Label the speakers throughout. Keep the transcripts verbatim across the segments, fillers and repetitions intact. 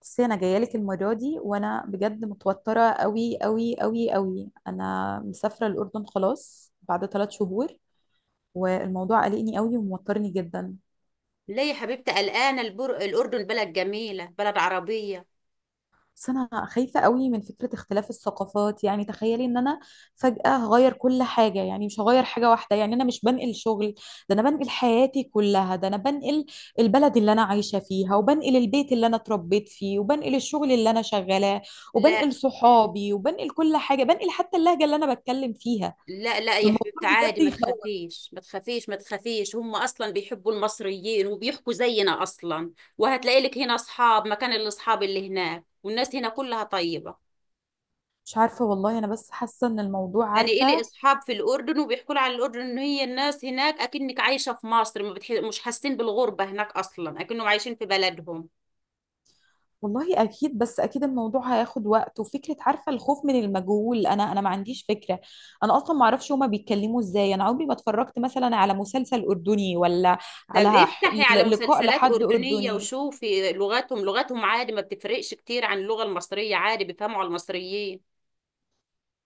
Speaker 1: بس انا جايه لك المره دي، وانا بجد متوتره قوي قوي قوي قوي. انا مسافره الاردن خلاص بعد ثلاث شهور، والموضوع قلقني قوي وموترني جدا.
Speaker 2: ليه يا حبيبتي قلقانة البر... الأردن بلد جميلة، بلد عربية.
Speaker 1: بس انا خايفه قوي من فكره اختلاف الثقافات. يعني تخيلي ان انا فجاه هغير كل حاجه، يعني مش هغير حاجه واحده، يعني انا مش بنقل شغل، ده انا بنقل حياتي كلها. ده انا بنقل البلد اللي انا عايشه فيها، وبنقل البيت اللي انا اتربيت فيه، وبنقل الشغل اللي انا شغالاه،
Speaker 2: لا
Speaker 1: وبنقل صحابي، وبنقل كل حاجه، بنقل حتى اللهجه اللي انا بتكلم فيها.
Speaker 2: لا لا يا
Speaker 1: فالموضوع
Speaker 2: حبيبتي، عادي،
Speaker 1: بجد
Speaker 2: ما
Speaker 1: يخوف.
Speaker 2: تخافيش ما تخافيش ما تخافيش. هم أصلا بيحبوا المصريين وبيحكوا زينا أصلا. وهتلاقي لك هنا أصحاب مكان الأصحاب اللي هناك، والناس هنا كلها طيبة.
Speaker 1: مش عارفه والله، انا بس حاسه ان الموضوع،
Speaker 2: أنا إلي
Speaker 1: عارفه.
Speaker 2: أصحاب في الأردن وبيحكوا لي على الأردن إن هي الناس هناك أكنك عايشة في مصر، ما بتح... مش حاسين بالغربة هناك أصلا، أكنهم عايشين في بلدهم.
Speaker 1: والله اكيد، بس اكيد الموضوع هياخد وقت، وفكره، عارفه، الخوف من المجهول. انا انا ما عنديش فكره. انا اصلا ما اعرفش هما بيتكلموا ازاي. انا عمري ما اتفرجت مثلا على مسلسل اردني، ولا
Speaker 2: طب
Speaker 1: على ح-
Speaker 2: افتحي على
Speaker 1: ل- لقاء
Speaker 2: مسلسلات
Speaker 1: لحد
Speaker 2: أردنية
Speaker 1: اردني.
Speaker 2: وشوفي لغتهم لغتهم عادي، ما بتفرقش كتير عن اللغة المصرية، عادي بيفهموا على المصريين.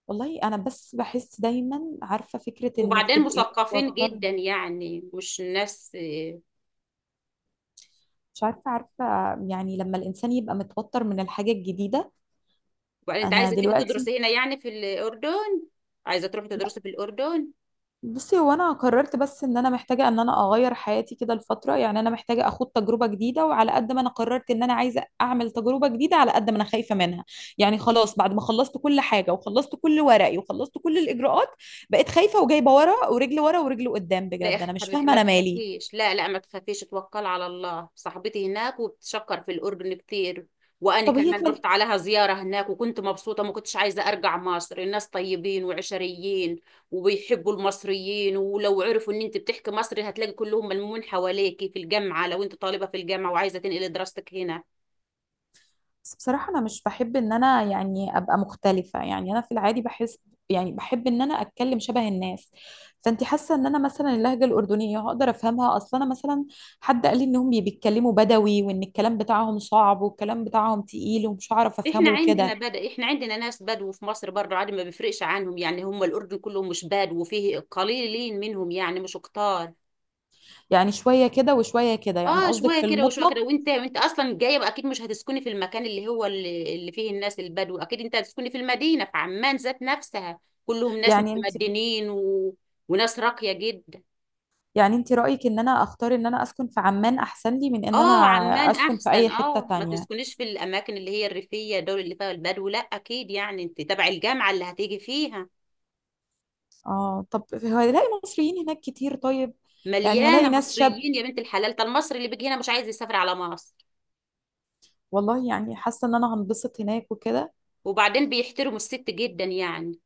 Speaker 1: والله انا بس بحس دايما، عارفه فكره انك
Speaker 2: وبعدين
Speaker 1: تبقي
Speaker 2: مثقفين
Speaker 1: متوتره.
Speaker 2: جدا، يعني مش ناس.
Speaker 1: مش عارفه، عارفه، يعني لما الانسان يبقى متوتر من الحاجه الجديده.
Speaker 2: وبعدين انت
Speaker 1: انا
Speaker 2: عايزة تيجي
Speaker 1: دلوقتي،
Speaker 2: تدرسي هنا يعني في الأردن؟ عايزة تروحي تدرسي في الأردن؟
Speaker 1: بصي، هو انا قررت بس ان انا محتاجه ان انا اغير حياتي كده الفتره. يعني انا محتاجه اخد تجربه جديده، وعلى قد ما انا قررت ان انا عايزه اعمل تجربه جديده، على قد ما انا خايفه منها. يعني خلاص بعد ما خلصت كل حاجه، وخلصت كل ورقي، وخلصت كل الاجراءات، بقيت خايفه، وجايبه ورا ورجل ورا ورجل قدام.
Speaker 2: لا يا
Speaker 1: بجد انا مش
Speaker 2: حبيبتي،
Speaker 1: فاهمه
Speaker 2: ما
Speaker 1: انا مالي.
Speaker 2: تخافيش، لا لا ما تخافيش، توكل على الله. صاحبتي هناك وبتشكر في الأردن كتير، وأنا
Speaker 1: طب هي
Speaker 2: كمان
Speaker 1: كان.
Speaker 2: رحت عليها زيارة هناك وكنت مبسوطة ما كنتش عايزة أرجع مصر. الناس طيبين وعشريين، وبيحبوا المصريين، ولو عرفوا إن أنت بتحكي مصري هتلاقي كلهم ملمومين حواليكي في الجامعة، لو أنت طالبة في الجامعة وعايزة تنقلي دراستك هنا.
Speaker 1: بس بصراحة أنا مش بحب إن أنا يعني أبقى مختلفة. يعني أنا في العادي بحس، يعني بحب إن أنا أتكلم شبه الناس. فأنت حاسة إن أنا مثلا اللهجة الأردنية هقدر أفهمها أصلا؟ أنا مثلا حد قال لي إنهم بي- بيتكلموا بدوي، وإن الكلام بتاعهم صعب، والكلام بتاعهم تقيل ومش هعرف أفهمه
Speaker 2: إحنا عندنا
Speaker 1: وكده.
Speaker 2: بدأ إحنا عندنا ناس بدو في مصر برضه، عادي، ما بيفرقش عنهم، يعني هم الأردن كلهم مش بدو، وفيه قليلين منهم يعني، مش كتار.
Speaker 1: يعني شوية كده وشوية كده، يعني
Speaker 2: اه،
Speaker 1: قصدك في
Speaker 2: شويه كده وشويه
Speaker 1: المطلق.
Speaker 2: كده، وانت وانت اصلا جايه بقى اكيد مش هتسكني في المكان اللي هو اللي, اللي فيه الناس البدو، اكيد انت هتسكني في المدينه في عمان ذات نفسها. كلهم ناس
Speaker 1: يعني أنت،
Speaker 2: متمدنين و... وناس راقيه جدا.
Speaker 1: يعني أنت رأيك إن أنا أختار إن أنا أسكن في عمان أحسن لي من إن أنا
Speaker 2: اه عمان
Speaker 1: أسكن في
Speaker 2: احسن،
Speaker 1: أي حتة
Speaker 2: اه، ما
Speaker 1: تانية؟
Speaker 2: تسكنيش في الاماكن اللي هي الريفيه دول اللي فيها البدو، لا اكيد يعني انت تبع الجامعه اللي هتيجي فيها.
Speaker 1: اه، طب هلاقي مصريين هناك كتير طيب؟ يعني
Speaker 2: مليانه
Speaker 1: هلاقي ناس شاب.
Speaker 2: مصريين يا بنت الحلال، ده المصري اللي بيجي هنا مش عايز يسافر على مصر.
Speaker 1: والله يعني حاسه ان انا هنبسط هناك وكده.
Speaker 2: وبعدين بيحترموا الست جدا، يعني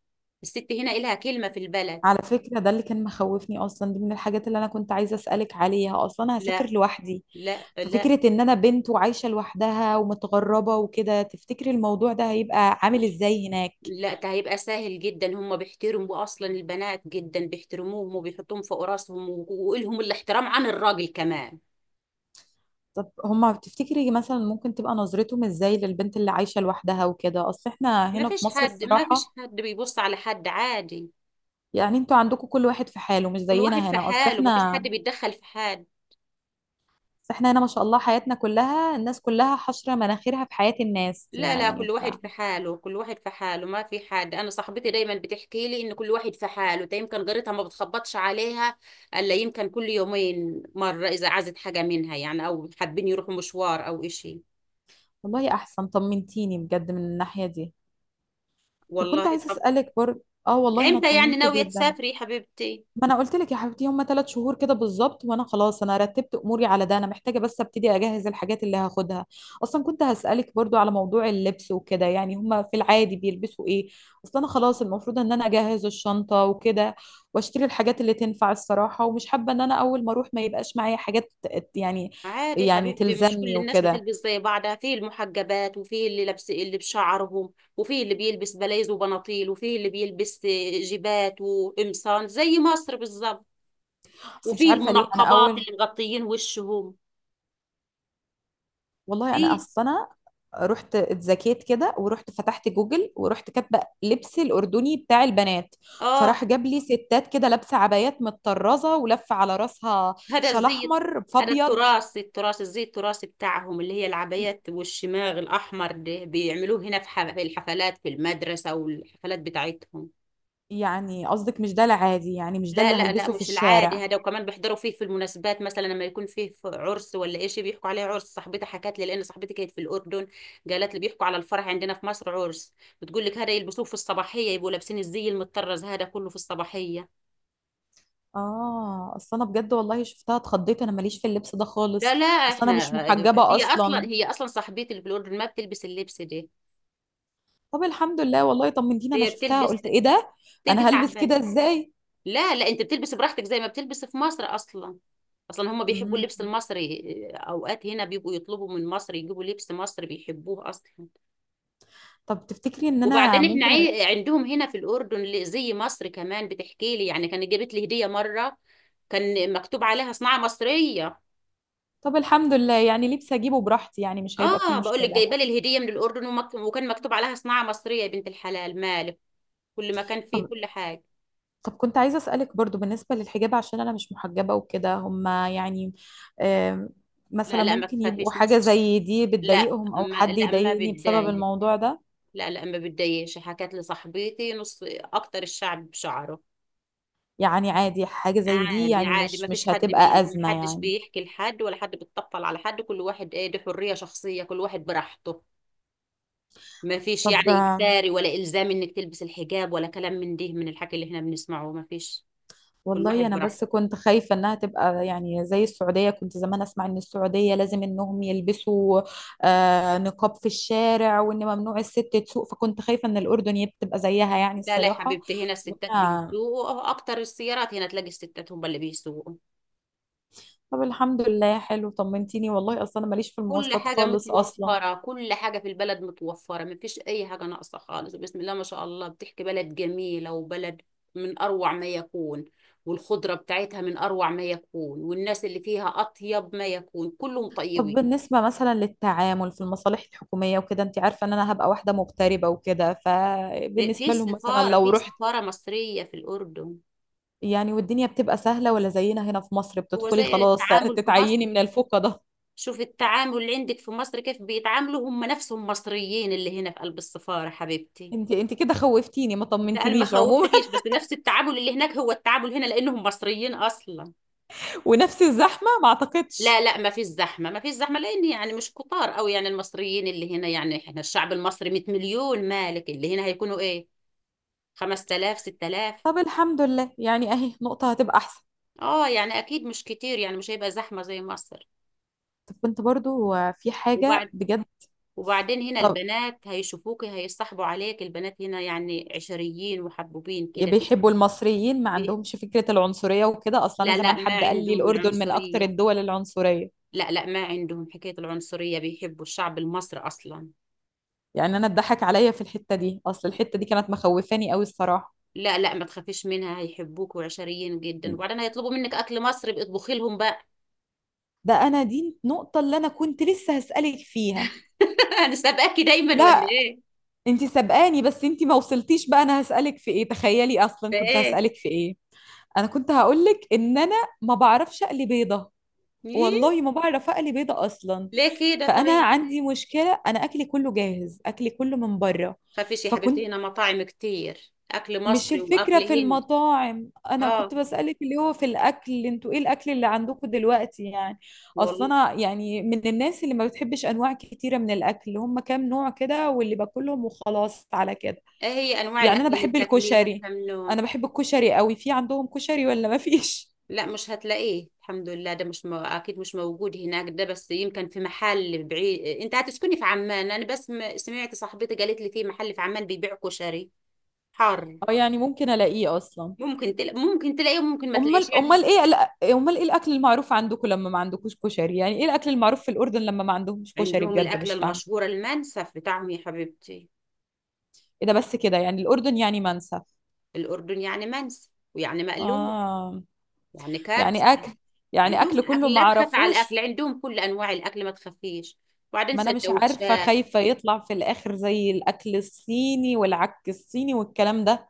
Speaker 2: الست هنا إلها كلمه في البلد.
Speaker 1: على فكره، ده اللي كان مخوفني اصلا، دي من الحاجات اللي انا كنت عايزه اسالك عليها، اصلا انا هسافر
Speaker 2: لا
Speaker 1: لوحدي.
Speaker 2: لا لا
Speaker 1: ففكره ان انا بنت وعايشه لوحدها ومتغربه وكده، تفتكري الموضوع ده هيبقى عامل ازاي هناك؟
Speaker 2: لا، ده هيبقى سهل جدا، هم بيحترموا اصلا البنات جدا، بيحترموهم وبيحطوهم فوق راسهم، و- ولهم الاحترام عن الراجل كمان.
Speaker 1: طب هما تفتكري مثلا ممكن تبقى نظرتهم ازاي للبنت اللي عايشه لوحدها وكده؟ اصل احنا
Speaker 2: ما
Speaker 1: هنا في
Speaker 2: فيش
Speaker 1: مصر
Speaker 2: حد ما فيش
Speaker 1: الصراحه،
Speaker 2: حد بيبص على حد، عادي،
Speaker 1: يعني انتوا عندكم كل واحد في حاله، مش
Speaker 2: كل واحد
Speaker 1: زينا
Speaker 2: في
Speaker 1: هنا. اصل
Speaker 2: حاله، ما فيش حد
Speaker 1: احنا،
Speaker 2: بيتدخل في حد.
Speaker 1: بس احنا هنا ما شاء الله حياتنا كلها الناس كلها حشرة مناخيرها في حياة الناس،
Speaker 2: لا لا،
Speaker 1: يعني
Speaker 2: كل
Speaker 1: ف.
Speaker 2: واحد في حاله كل واحد في حاله ما في حد. انا صاحبتي دايما بتحكي لي ان كل واحد في حاله، ده يمكن جارتها ما بتخبطش عليها الا يمكن كل يومين مره، اذا عازت حاجه منها يعني، او حابين يروحوا مشوار او اشي.
Speaker 1: والله احسن، طمنتيني بجد من الناحية دي. طب كنت
Speaker 2: والله.
Speaker 1: عايزة
Speaker 2: طب
Speaker 1: اسألك برضه، اه والله انا
Speaker 2: امتى يعني
Speaker 1: اطمنت
Speaker 2: ناوية
Speaker 1: جدا.
Speaker 2: تسافري يا حبيبتي؟
Speaker 1: ما انا قلت لك يا حبيبتي، هما ثلاث شهور كده بالظبط، وانا خلاص انا رتبت اموري على ده. انا محتاجه بس ابتدي اجهز الحاجات اللي هاخدها. اصلا كنت هسالك برضو على موضوع اللبس وكده، يعني هما في العادي بيلبسوا ايه؟ اصلا انا خلاص المفروض ان انا اجهز الشنطه وكده، واشتري الحاجات اللي تنفع الصراحه، ومش حابه ان انا اول ما اروح ما يبقاش معايا حاجات. يعني،
Speaker 2: عادي يا
Speaker 1: يعني
Speaker 2: حبيبتي، مش كل
Speaker 1: تلزمني
Speaker 2: الناس
Speaker 1: وكده.
Speaker 2: بتلبس زي بعضها، فيه المحجبات، وفيه اللي لابس اللي بشعرهم، وفيه اللي بيلبس بلايز وبناطيل، وفيه اللي بيلبس جيبات وقمصان زي مصر بالظبط،
Speaker 1: بس مش
Speaker 2: وفيه
Speaker 1: عارفه ليه انا
Speaker 2: المنقبات
Speaker 1: اول،
Speaker 2: اللي مغطيين وشهم.
Speaker 1: والله انا
Speaker 2: فيه،
Speaker 1: اصلا رحت اتزكيت كده، ورحت فتحت جوجل، ورحت كاتبه لبس الاردني بتاع البنات،
Speaker 2: اه،
Speaker 1: فراح جاب لي ستات كده لابسه عبايات متطرزه ولفه على راسها،
Speaker 2: هذا
Speaker 1: شال
Speaker 2: الزي،
Speaker 1: احمر
Speaker 2: هذا
Speaker 1: فابيض.
Speaker 2: التراث التراث الزي التراثي بتاعهم، اللي هي
Speaker 1: ي-
Speaker 2: العبايات والشماغ الأحمر. ده بيعملوه هنا في ح- في الحفلات، في المدرسة والحفلات بتاعتهم.
Speaker 1: يعني قصدك مش ده العادي، يعني مش ده
Speaker 2: لا
Speaker 1: اللي
Speaker 2: لا لا،
Speaker 1: هلبسه في
Speaker 2: مش العادي
Speaker 1: الشارع؟
Speaker 2: هذا، وكمان بيحضروا فيه في المناسبات، مثلا لما يكون فيه في عرس ولا شيء بيحكوا عليه عرس. صاحبتي حكت لي، لان صاحبتي كانت في الاردن، قالت لي بيحكوا على الفرح عندنا في مصر عرس. بتقول لك هذا يلبسوه في الصباحيه، يبقوا لابسين الزي المطرز هذا كله في الصباحيه.
Speaker 1: اه، اصل انا بجد والله شفتها اتخضيت، انا ماليش في اللبس ده
Speaker 2: لا
Speaker 1: خالص،
Speaker 2: لا
Speaker 1: اصل انا مش
Speaker 2: احنا،
Speaker 1: محجبه
Speaker 2: هي اصلا
Speaker 1: اصلا.
Speaker 2: هي اصلا صاحبتي اللي في الاردن ما بتلبس اللبس ده،
Speaker 1: طب الحمد لله، والله طمنتيني، انا
Speaker 2: هي
Speaker 1: شفتها
Speaker 2: بتلبس
Speaker 1: قلت ايه ده، انا
Speaker 2: بتلبس
Speaker 1: هلبس
Speaker 2: عباية.
Speaker 1: كده ازاي!
Speaker 2: لا لا، انت بتلبس براحتك زي ما بتلبس في مصر اصلا. اصلا هم بيحبوا
Speaker 1: مم.
Speaker 2: اللبس المصري، آه، اوقات هنا بيبقوا يطلبوا من مصر يجيبوا لبس مصري، بيحبوه اصلا.
Speaker 1: طب تفتكري ان انا
Speaker 2: وبعدين احنا
Speaker 1: ممكن أ...
Speaker 2: عي- عندهم هنا في الاردن ل- زي مصر، كمان بتحكي لي يعني كانت جابت لي هديه مره كان مكتوب عليها صناعه مصريه.
Speaker 1: طب الحمد لله، يعني لبس اجيبه براحتي، يعني مش هيبقى فيه
Speaker 2: اه، بقول لك
Speaker 1: مشكلة.
Speaker 2: جايبه لي الهديه من الاردن ومك... وكان مكتوب عليها صناعه مصريه، يا بنت الحلال مالك، كل مكان فيه
Speaker 1: طب،
Speaker 2: كل حاجه.
Speaker 1: طب كنت عايزة اسألك برضو بالنسبة للحجاب، عشان انا مش محجبة وكده، هما يعني، آم،
Speaker 2: لا
Speaker 1: مثلا
Speaker 2: لا ما
Speaker 1: ممكن يبقوا
Speaker 2: تخافيش،
Speaker 1: حاجة
Speaker 2: مش-
Speaker 1: زي دي
Speaker 2: لا
Speaker 1: بتضايقهم، او
Speaker 2: ما...
Speaker 1: حد
Speaker 2: لا ما
Speaker 1: يضايقني بسبب
Speaker 2: بتضايق،
Speaker 1: الموضوع ده؟
Speaker 2: لا لا ما بتضايقش، حكت لي صاحبتي نص اكتر الشعب بشعره.
Speaker 1: يعني عادي حاجة زي دي،
Speaker 2: عادي،
Speaker 1: يعني
Speaker 2: عادي، ما
Speaker 1: مش
Speaker 2: فيش
Speaker 1: مش
Speaker 2: حد بي...
Speaker 1: هتبقى
Speaker 2: ما
Speaker 1: أزمة
Speaker 2: حدش
Speaker 1: يعني.
Speaker 2: بيحكي لحد ولا حد بيتطفل على حد، كل واحد ايه دي حرية شخصية، كل واحد براحته، ما فيش
Speaker 1: طب،
Speaker 2: يعني اجباري ولا الزام انك تلبس الحجاب ولا كلام من ده من الحكي اللي احنا بنسمعه، ما فيش، كل واحد
Speaker 1: والله انا
Speaker 2: براحته.
Speaker 1: بس كنت خايفه انها تبقى يعني زي السعوديه. كنت زمان اسمع ان السعوديه لازم انهم يلبسوا آه، نقاب في الشارع، وان ممنوع الست تسوق، فكنت خايفه ان الاردن يب- تبقى زيها يعني
Speaker 2: لا لا يا
Speaker 1: الصراحه.
Speaker 2: حبيبتي، هنا الستات
Speaker 1: وأنا-
Speaker 2: بيسوقوا اكتر، السيارات هنا تلاقي الستات هم اللي بيسوقوا.
Speaker 1: طب الحمد لله، حلو طمنتيني، والله اصلا انا ماليش في
Speaker 2: كل
Speaker 1: المواصلات
Speaker 2: حاجة
Speaker 1: خالص اصلا.
Speaker 2: متوفرة، كل حاجة في البلد متوفرة، مفيش أي حاجة ناقصة خالص، بسم الله ما شاء الله، بتحكي بلد جميلة، وبلد من أروع ما يكون، والخضرة بتاعتها من أروع ما يكون، والناس اللي فيها أطيب ما يكون، كلهم
Speaker 1: طب
Speaker 2: طيبين.
Speaker 1: بالنسبه مثلا للتعامل في المصالح الحكوميه وكده، انت عارفه ان انا هبقى واحده مغتربه وكده،
Speaker 2: في
Speaker 1: فبالنسبه لهم مثلا
Speaker 2: سفارة
Speaker 1: لو
Speaker 2: في
Speaker 1: رحت،
Speaker 2: سفارة مصرية في الأردن.
Speaker 1: يعني والدنيا بتبقى سهلة ولا زينا هنا في مصر
Speaker 2: هو
Speaker 1: بتدخلي
Speaker 2: زي
Speaker 1: خلاص
Speaker 2: التعامل في
Speaker 1: تتعيني
Speaker 2: مصر،
Speaker 1: من الفوقة ده؟
Speaker 2: شوف التعامل اللي عندك في مصر كيف بيتعاملوا، هم نفسهم مصريين اللي هنا في قلب السفارة حبيبتي.
Speaker 1: انت انت كده خوفتيني، ما
Speaker 2: لا انا ما
Speaker 1: طمنتنيش عموما.
Speaker 2: خوفتكيش، بس نفس التعامل اللي هناك هو التعامل هنا لانهم مصريين اصلا.
Speaker 1: ونفس الزحمة ما
Speaker 2: لا
Speaker 1: اعتقدش.
Speaker 2: لا ما فيش زحمه، ما فيش زحمه، لان يعني مش كتار قوي يعني المصريين اللي هنا، يعني احنا الشعب المصري 100 مليون مالك، اللي هنا هيكونوا ايه، خمس آلاف ست آلاف.
Speaker 1: طب الحمد لله، يعني اهي نقطة هتبقى احسن.
Speaker 2: اه يعني اكيد مش كتير، يعني مش هيبقى زحمه زي مصر.
Speaker 1: طب كنت برضو في حاجة
Speaker 2: وبعد
Speaker 1: بجد.
Speaker 2: وبعدين هنا
Speaker 1: طب
Speaker 2: البنات هيشوفوكي هيصاحبوا عليك، البنات هنا يعني عشريين محبوبين كده
Speaker 1: بيحبوا
Speaker 2: بيحبوا.
Speaker 1: المصريين، ما
Speaker 2: بيح-
Speaker 1: عندهمش فكرة العنصرية وكده؟ اصلا انا
Speaker 2: لا لا
Speaker 1: زمان
Speaker 2: ما
Speaker 1: حد قال لي
Speaker 2: عندهم
Speaker 1: الاردن من اكتر
Speaker 2: العنصريه،
Speaker 1: الدول العنصرية.
Speaker 2: لا لا ما عندهم حكاية العنصرية، بيحبوا الشعب المصري أصلا.
Speaker 1: يعني انا اتضحك عليا في الحتة دي، اصل الحتة دي كانت مخوفاني قوي الصراحة.
Speaker 2: لا لا ما تخافيش منها، هيحبوك وعشريين جدا، وبعدين هيطلبوا منك أكل مصري، بقى اطبخي لهم بقى.
Speaker 1: ده انا دي النقطة اللي انا كنت لسه هسألك فيها.
Speaker 2: أنا سابقاكي دايما ولا
Speaker 1: لا،
Speaker 2: إيه؟
Speaker 1: انتي سبقاني، بس انتي ما وصلتيش بقى. انا هسألك في ايه تخيلي، اصلا كنت
Speaker 2: فإيه؟
Speaker 1: هسألك في ايه؟ انا كنت هقولك ان انا ما بعرفش اقلي بيضة،
Speaker 2: إيه؟
Speaker 1: والله ما بعرف اقلي بيضة اصلا.
Speaker 2: ليه كده
Speaker 1: فانا
Speaker 2: طيب؟
Speaker 1: عندي مشكلة، انا اكلي كله جاهز، اكلي كله من بره.
Speaker 2: خافيش يا حبيبتي،
Speaker 1: فكنت،
Speaker 2: هنا مطاعم كتير أكل
Speaker 1: مش
Speaker 2: مصري وأكل
Speaker 1: الفكرة في
Speaker 2: هندي.
Speaker 1: المطاعم، انا كنت
Speaker 2: آه،
Speaker 1: بسألك اللي هو في الاكل، انتوا ايه الاكل اللي عندكم دلوقتي يعني؟ اصلا
Speaker 2: والله.
Speaker 1: انا يعني من الناس اللي ما بتحبش انواع كتيرة من الاكل، هم كام نوع كده واللي باكلهم، وخلاص على كده.
Speaker 2: إيه هي أنواع
Speaker 1: يعني انا
Speaker 2: الأكل اللي
Speaker 1: بحب
Speaker 2: بتاكليها،
Speaker 1: الكشري،
Speaker 2: كم نوع؟
Speaker 1: انا بحب الكشري قوي، في عندهم كشري ولا ما فيش؟
Speaker 2: لا مش هتلاقيه، الحمد لله، ده مش مو... اكيد مش موجود هناك، ده بس يمكن في محل بعيد، انت هتسكني في عمان، انا بس م- سمعت صاحبتي قالت لي في محل في عمان بيبيع كشري حار.
Speaker 1: اه، يعني ممكن الاقيه اصلا.
Speaker 2: ممكن تل... ممكن تلاقيه وممكن ما تلاقيش
Speaker 1: امال،
Speaker 2: يعني.
Speaker 1: امال ايه الأ- امال ايه الاكل المعروف عندكم لما ما عندكوش كشري؟ يعني ايه الاكل المعروف في الاردن لما ما عندهمش كشري؟
Speaker 2: عندهم
Speaker 1: بجد
Speaker 2: الاكله
Speaker 1: مش فاهم.
Speaker 2: المشهوره المنسف بتاعهم يا حبيبتي،
Speaker 1: ايه ده بس كده يعني الاردن يعني منسف!
Speaker 2: الاردن يعني منسف ويعني مقلوب،
Speaker 1: اه،
Speaker 2: يعني كبسه،
Speaker 1: يعني اكل، يعني اكل
Speaker 2: عندهم
Speaker 1: كله
Speaker 2: اكل،
Speaker 1: ما
Speaker 2: لا تخاف على الاكل،
Speaker 1: عرفوش.
Speaker 2: عندهم كل انواع الاكل ما تخافيش، وبعدين
Speaker 1: ما انا مش عارفه،
Speaker 2: سندوتشات.
Speaker 1: خايفه يطلع في الاخر زي الاكل الصيني والعك الصيني والكلام ده.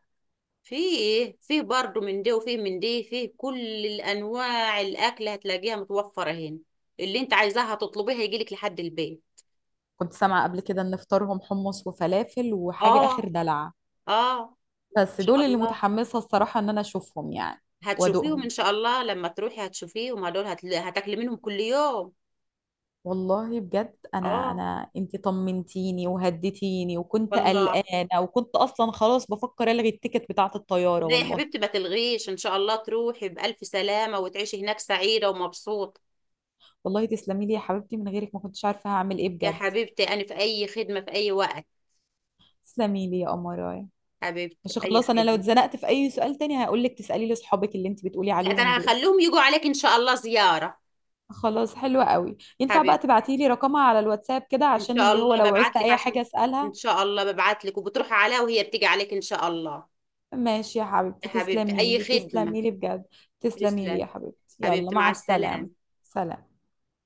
Speaker 2: فيه فيه برضه من دي وفيه من دي، فيه كل الانواع الاكل هتلاقيها متوفره هنا، اللي انت عايزاها هتطلبيها يجيلك لحد البيت.
Speaker 1: كنت سامعه قبل كده ان فطارهم حمص وفلافل وحاجه اخر
Speaker 2: اه،
Speaker 1: دلع،
Speaker 2: اه، ان
Speaker 1: بس
Speaker 2: شاء
Speaker 1: دول اللي
Speaker 2: الله
Speaker 1: متحمسة الصراحة ان انا اشوفهم يعني،
Speaker 2: هتشوفيهم، ان
Speaker 1: وادوقهم.
Speaker 2: شاء الله لما تروحي هتشوفيهم هدول، هتل... هتاكلي منهم كل يوم.
Speaker 1: والله بجد، انا
Speaker 2: اه،
Speaker 1: انا انتي طمنتيني وهديتيني، وكنت
Speaker 2: والله.
Speaker 1: قلقانة، وكنت اصلا خلاص بفكر الغي التيكت بتاعة الطيارة
Speaker 2: لا يا
Speaker 1: والله.
Speaker 2: حبيبتي ما تلغيش، ان شاء الله تروحي بالف سلامه وتعيشي هناك سعيده ومبسوطه.
Speaker 1: والله تسلمي لي يا حبيبتي، من غيرك ما كنتش عارفة هعمل ايه
Speaker 2: يا
Speaker 1: بجد.
Speaker 2: حبيبتي انا في اي خدمه في اي وقت،
Speaker 1: تسلمي لي يا قمراية.
Speaker 2: حبيبتي
Speaker 1: مش
Speaker 2: اي
Speaker 1: خلاص، انا لو
Speaker 2: خدمه.
Speaker 1: اتزنقت في اي سؤال تاني هقول لك تسألي لي اصحابك اللي انتي بتقولي
Speaker 2: لا ده
Speaker 1: عليهم
Speaker 2: انا
Speaker 1: دول.
Speaker 2: هخليهم يجوا عليك ان شاء الله زياره.
Speaker 1: خلاص حلوة قوي، ينفع بقى
Speaker 2: حبيبتي،
Speaker 1: تبعتي لي رقمها على الواتساب كده
Speaker 2: ان
Speaker 1: عشان
Speaker 2: شاء
Speaker 1: اللي هو
Speaker 2: الله
Speaker 1: لو
Speaker 2: ببعت
Speaker 1: عوزت
Speaker 2: لك
Speaker 1: اي
Speaker 2: عشان
Speaker 1: حاجة
Speaker 2: ان
Speaker 1: اسألها؟
Speaker 2: شاء الله ببعت لك وبتروحي عليها وهي بتيجي عليك ان شاء الله.
Speaker 1: ماشي يا
Speaker 2: يا
Speaker 1: حبيبتي،
Speaker 2: حبيبتي
Speaker 1: تسلمي
Speaker 2: اي
Speaker 1: لي،
Speaker 2: خدمة.
Speaker 1: تسلمي لي بجد. تسلمي لي يا
Speaker 2: تسلم
Speaker 1: حبيبتي، يلا
Speaker 2: حبيبتي،
Speaker 1: مع
Speaker 2: مع السلامة.
Speaker 1: السلامة. سلام.